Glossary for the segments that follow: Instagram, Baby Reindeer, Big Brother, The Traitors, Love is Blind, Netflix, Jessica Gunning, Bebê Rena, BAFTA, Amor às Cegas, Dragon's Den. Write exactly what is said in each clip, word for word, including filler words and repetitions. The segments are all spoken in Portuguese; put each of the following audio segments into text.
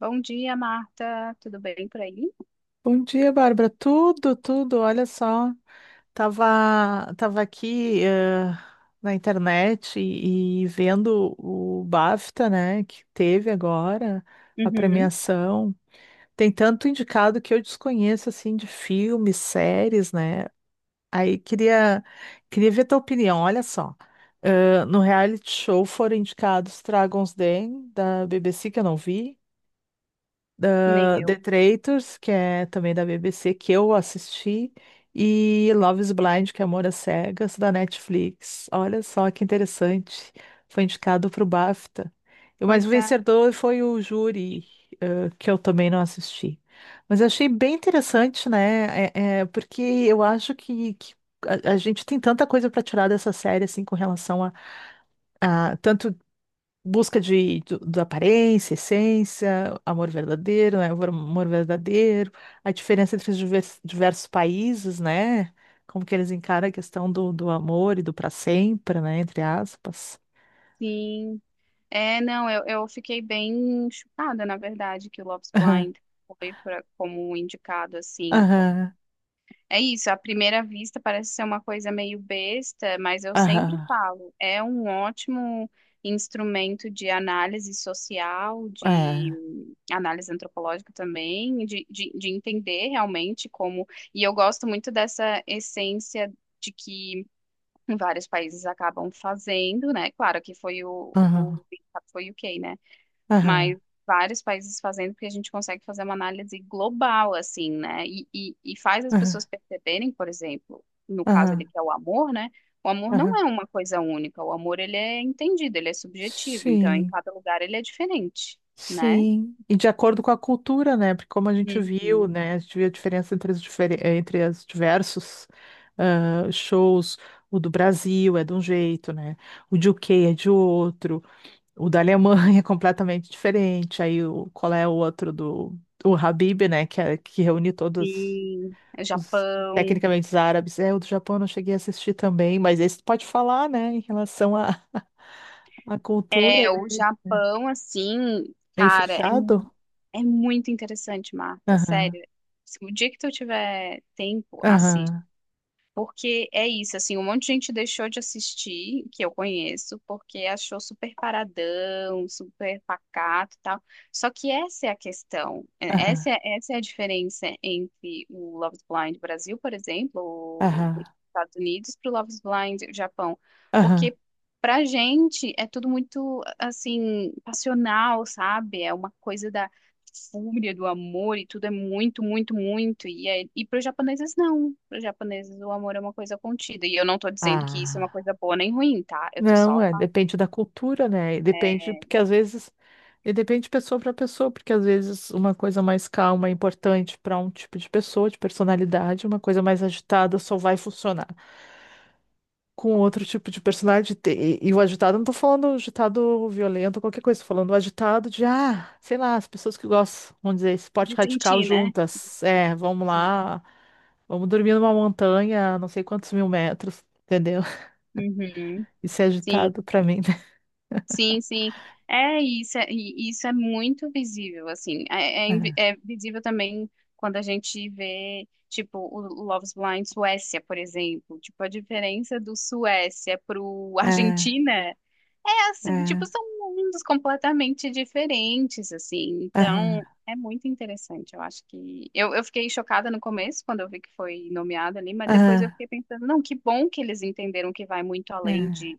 Bom dia, Marta. Tudo bem por aí? Bom dia, Bárbara. Tudo, tudo. Olha só, tava, tava aqui eh, na internet e, e vendo o BAFTA, né, que teve agora a Uhum, premiação. Tem tanto indicado que eu desconheço assim de filmes, séries, né? Aí queria queria ver tua opinião. Olha só, Eh, no reality show foram indicados Dragon's Den da B B C que eu não vi nem da The eu. Traitors, que é também da B B C, que eu assisti, e Love is Blind, que é Amor às Cegas, da Netflix. Olha só que interessante. Foi indicado para o BAFTA. E- Mas o Pois é, vencedor foi o júri, eh, que eu também não assisti. Mas eu achei bem interessante, né? É, é, porque eu acho que, que a, a gente tem tanta coisa para tirar dessa série, assim, com relação a, a tanto busca de, do- da aparência, essência, amor verdadeiro, né? Amor, amor verdadeiro, a diferença entre os divers- diversos países, né? Como que eles encaram a questão do, do amor e do para sempre, né? Entre aspas. sim. É, não, eu, eu fiquei bem chocada, na verdade, que o Love is Aham, Blind foi pra, como indicado, assim, aham, é isso, à primeira vista parece ser uma coisa meio besta, mas eu sempre aham, falo, é um ótimo instrumento de análise social, de é, análise antropológica também, de, de, de entender realmente como. E eu gosto muito dessa essência de que vários países acabam fazendo, né? Claro que foi o, o aham, foi o U K, né? aham, Mas vários países fazendo, porque a gente consegue fazer uma análise global, assim, né? E, e, e faz as pessoas aham, perceberem, por exemplo, no caso ali aham, que é o amor, né? O amor não é aham. uma coisa única, o amor ele é entendido, ele é subjetivo, então em Sim. cada lugar ele é diferente, né? Sim, e de acordo com a cultura, né? Porque como a gente viu, Uhum. né? A gente viu a diferença entre os, difere- eh, entre os diversos ah, shows. O do Brasil é de um jeito, né? O de U K é de outro. O da Alemanha é completamente diferente. Aí o, qual é o outro do o Habib, né? Que, é- que reúne todos Sim, o os Japão. tecnicamente os árabes. É, o do Japão eu não cheguei a assistir também, mas esse tu pode falar, né? Em relação à à cultura, É, o né? Japão, assim, Meio cara, é, mu- fechado. é muito interessante, Marta, Aham, sério. Se o dia que tu tiver tempo, assiste. aham, Porque é isso, assim, um monte de gente deixou de assistir, que eu conheço, porque achou super paradão, super pacato e tal. Só que essa é a questão, é- aham. essa é, essa é a diferença entre o Love is Blind Brasil, por exemplo, ou Aham, os Estados Unidos, para o Love is Blind Japão. aham. Porque pra gente é tudo muito, assim, passional, sabe? É uma coisa da fúria do amor e tudo é muito, muito, muito. E, é, e para os japoneses, não. Para os japoneses, o amor é uma coisa contida. E eu não tô dizendo que isso é uma Ah, coisa boa nem ruim, tá? Eu tô não, só é, falando depende da cultura, né? E Depende, porque às vezes, e depende de pessoa para pessoa, porque às vezes uma coisa mais calma é importante para um tipo de pessoa, de personalidade, uma coisa mais agitada só vai funcionar com outro tipo de personalidade. E, e o agitado, não tô falando agitado violento, qualquer coisa, tô falando agitado de, ah, sei lá, as pessoas que gostam, vamos dizer, esporte de radical sentir, né? juntas, é, vamos lá, vamos dormir numa montanha, não sei quantos mil metros, entendeu? Uhum. Isso é agitado Sim, pra mim, né? sim, sim. É isso, é, e isso é muito visível, assim. É, é invi- é visível também quando a gente vê, tipo, o Love is Blind Suécia, por exemplo. Tipo, a diferença do Suécia pro É, é, Argentina assim, tipo, é, são mundos completamente diferentes, assim. aham, Então, é muito interessante. Eu acho que. Eu, eu fiquei chocada no começo, quando eu vi que foi nomeado ali, mas depois eu aham, fiquei pensando, não, que bom que eles entenderam que vai muito além de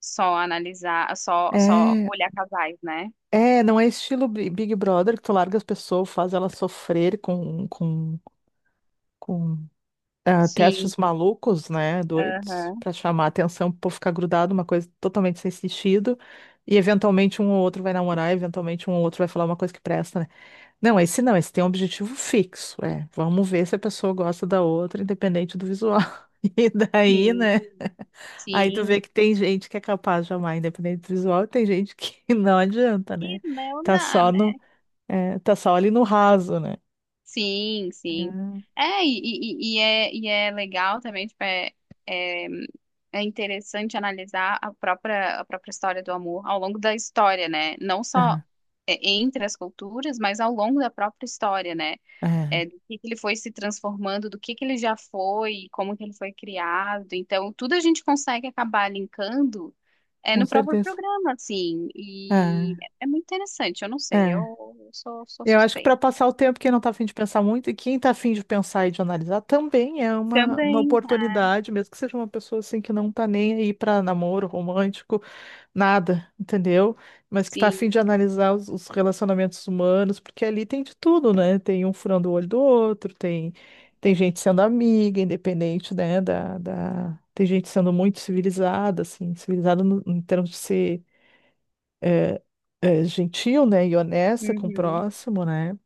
só analisar, só, só é, é. olhar casais, né? É, não é estilo Bi- Big Brother que tu larga as pessoas, faz elas sofrer com, com, com ah, Sim. testes malucos, né? Doidos, Aham. pra chamar atenção, pro povo ficar grudado, uma coisa totalmente sem sentido. E eventualmente um ou outro vai namorar, eventualmente um ou outro vai falar uma coisa que presta, né? Não, esse não, esse tem um objetivo fixo. É, vamos ver se a pessoa gosta da outra, independente do visual. E daí, Sim. né? Aí tu Sim. vê que tem gente que é capaz de amar independente visual e tem gente que não adianta, Que né? não Tá dá, só no, né? é, tá só ali no raso, né? Sim, sim. É, e, e, e e é, e é legal também, tipo, é, é, é interessante analisar a própria, a própria história do amor ao longo da história, né? Não só é, entre as culturas, mas ao longo da própria história, né? É, é, É, é, do que que ele foi se transformando, do que que ele já foi, como que ele foi criado. Então, tudo a gente consegue acabar linkando é, com no próprio certeza. programa, assim. E É, é é muito interessante, eu não sei, é. eu, eu sou, sou Eu acho que suspeita. para passar o tempo, quem não está afim de pensar muito, e quem está afim de pensar e de analisar, também é uma, uma Também, oportunidade, mesmo que seja uma pessoa assim que não está nem aí para namoro romântico, nada, entendeu? Mas que está afim sim. de analisar os, os relacionamentos humanos, porque ali tem de tudo, né? Tem um furando o olho do outro, tem, tem gente sendo amiga, independente, né? Da, da... Tem gente sendo muito civilizada, assim, civilizada no- em termos de ser eh, gentil, né? E honesta com o Uhum, próximo, né?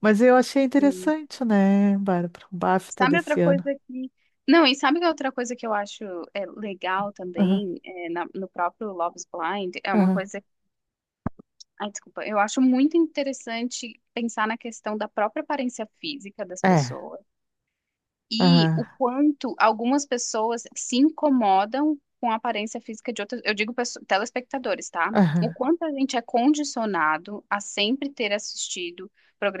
Mas eu achei sim. interessante, né, Bárbara? O BAFTA Sabe outra desse ano. coisa que. Não, e sabe que outra coisa que eu acho é, legal Aham, também é, na- no próprio Love is Blind? É uma aham. coisa. Ai, desculpa. Eu acho muito interessante pensar na questão da própria aparência física das É. pessoas. E Aham, o quanto algumas pessoas se incomodam com a aparência física de outras, eu digo pesso- telespectadores, tá? O aham, quanto a gente é condicionado a sempre ter assistido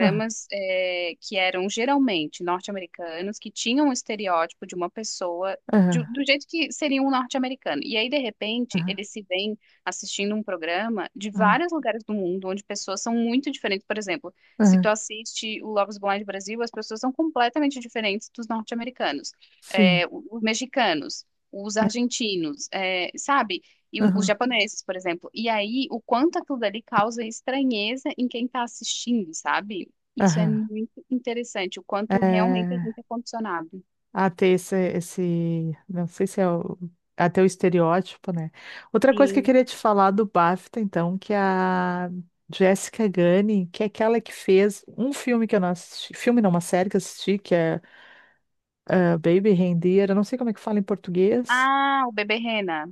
aham, eh, que eram geralmente norte-americanos, que tinham um estereótipo de uma pessoa de- aham, do jeito que seria um norte-americano. E aí, de repente, aham, eles se veem assistindo um programa de aham, vários lugares do mundo, onde pessoas são muito diferentes. Por exemplo, se aham. tu assiste o Love is Blind Brasil, as pessoas são completamente diferentes dos norte-americanos, Sim. é, o- os mexicanos, os é, argentinos, é, sabe? E o- os aham, japoneses, por exemplo. E aí, o quanto aquilo dali causa estranheza em quem tá assistindo, sabe? Isso é aham. muito interessante, o quanto realmente a É, gente é condicionado. a ter esse, esse, não sei se é o, até o estereótipo, né? Outra coisa que eu Sim. queria te falar do BAFTA, então, que é a Jessica Gunning, que é aquela que fez um filme que eu não assisti, filme não, uma série que eu assisti, que é ah, Baby Reindeer, eu não sei como é que fala em português. Ah, o bebê Rena.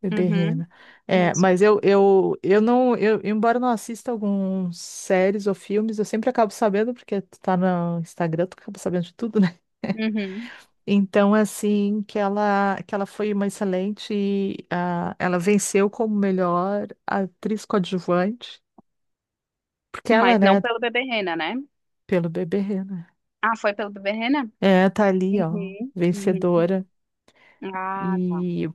Bebê Uhum, Rena. É, isso. mas eu, eu, eu não, eu, embora eu não assista alguns séries ou filmes, eu sempre acabo sabendo, porque tu tá no Instagram, tu acaba sabendo de tudo, né? Uhum. Então, assim, que ela, que ela foi uma excelente, ah, ela venceu como melhor atriz coadjuvante, porque ela, Mas não né, pelo bebê Rena, né? pelo Bebê Rena, Ah, foi pelo bebê Rena? é, tá ali, ó, Uhum, uhum. vencedora. Ah, tá. e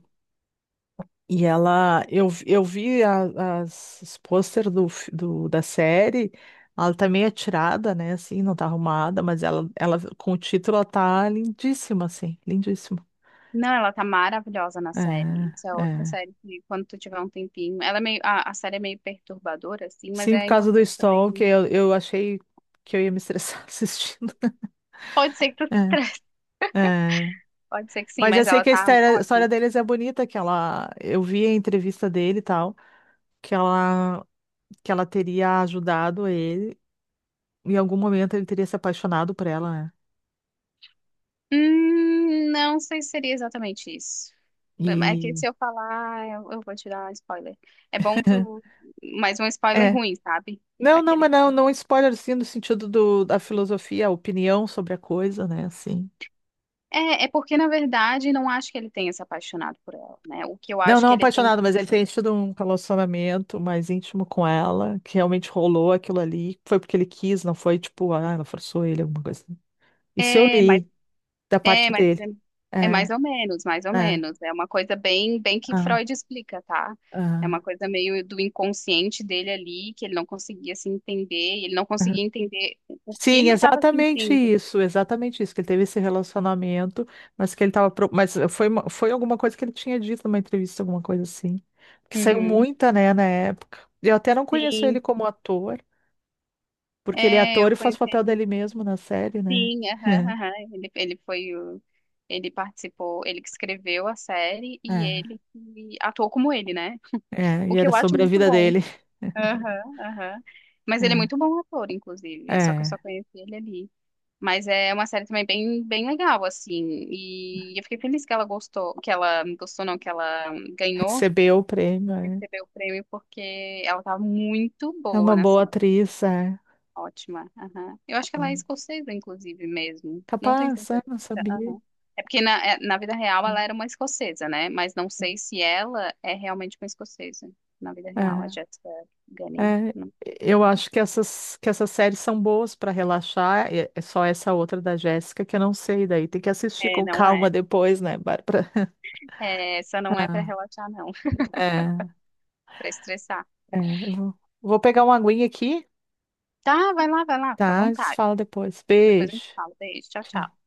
E ela, eu, eu vi a- as, os pôster do, fi- do- da série, ela tá meio atirada, né, assim, não tá arrumada, mas ela, ela com o título, ela tá lindíssima, assim, lindíssima. Não, ela tá maravilhosa na É, série. Isso é outra é. série que, quando tu tiver um tempinho, ela é meio, a, a série é meio perturbadora, assim, mas Sim, por é causa do importante também. Stalker, eu, eu achei que eu ia me estressar assistindo. Pode ser que tu se É, estresse, é. pode ser que sim, Mas eu mas sei ela que a tá história, a ótima. história deles é bonita, que ela, eu vi a entrevista dele e tal, que ela, que ela teria ajudado ele, em algum momento ele teria se apaixonado por ela, né? Hum, não sei se seria exatamente isso. É que E se eu falar, eu, eu vou te dar spoiler. É bom tu, mas um spoiler é. ruim, sabe? Não, não, Daquele mas não, filme. não spoiler assim no sentido do, da filosofia, a opinião sobre a coisa, né? Assim. É, é porque, na verdade, não acho que ele tenha se apaixonado por ela, né? O que eu Não, acho não que ele tem. apaixonado, mas ele tem tido um relacionamento mais íntimo com ela, que realmente rolou aquilo ali. Foi porque ele quis, não foi tipo, ah, ela forçou ele, alguma coisa assim. Isso eu É, mas li da é, parte mas é, dele. é mais É, ou menos, mais ou é, menos. É uma coisa bem, bem que ah, Freud explica, tá? É uma ah, coisa meio do inconsciente dele ali, que ele não conseguia se entender, e ele não ah. conseguia entender o que Sim, ele estava exatamente sentindo. isso, exatamente isso, que ele teve esse relacionamento, mas que ele tava, pro- mas foi, uma- foi alguma coisa que ele tinha dito numa entrevista, alguma coisa assim, que saiu Uhum. muita, né, na época. Eu até não conheço ele Sim, como ator, porque ele é é, eu ator e faz o conheci papel ele. dele mesmo na série, né? Sim, aham, aham. Ele, ele foi o, ele participou, ele que escreveu a série e É, ele que atuou como ele, né? é, O e que era eu acho sobre a muito vida bom. dele. Aham, aham. Mas ele é É, muito bom ator, inclusive, só que eu é, só conheci ele ali. Mas é uma série também bem, bem legal, assim. E eu fiquei feliz que ela gostou, que ela gostou, não, que ela ganhou, recebeu o prêmio, é. recebeu o prêmio, porque ela tá muito É boa uma na boa série. atriz, é. Ótima. Aham. Eu acho que ela é Hum. escocesa, inclusive, mesmo. Não tenho Capaz, é, certeza. não sabia. Aham. É porque na, é- na vida real ela Hum. era uma escocesa, né? Mas não sei se ela é realmente uma escocesa. Na vida real, a É. Jessica Gunning. É, Não. eu acho que essas, que essas séries são boas para relaxar. É, é só essa outra da Jéssica que eu não sei, daí tem que assistir É, com não calma é. depois, né, Bárbara? É, essa não é pra Ah, relaxar, não. é, Pra estressar. é, eu vou, vou pegar uma aguinha aqui, Tá, vai lá, vai lá, fica à tá? A gente se vontade. fala depois. Depois a Beijo. gente fala. Beijo. Tchau, Tchau. tchau.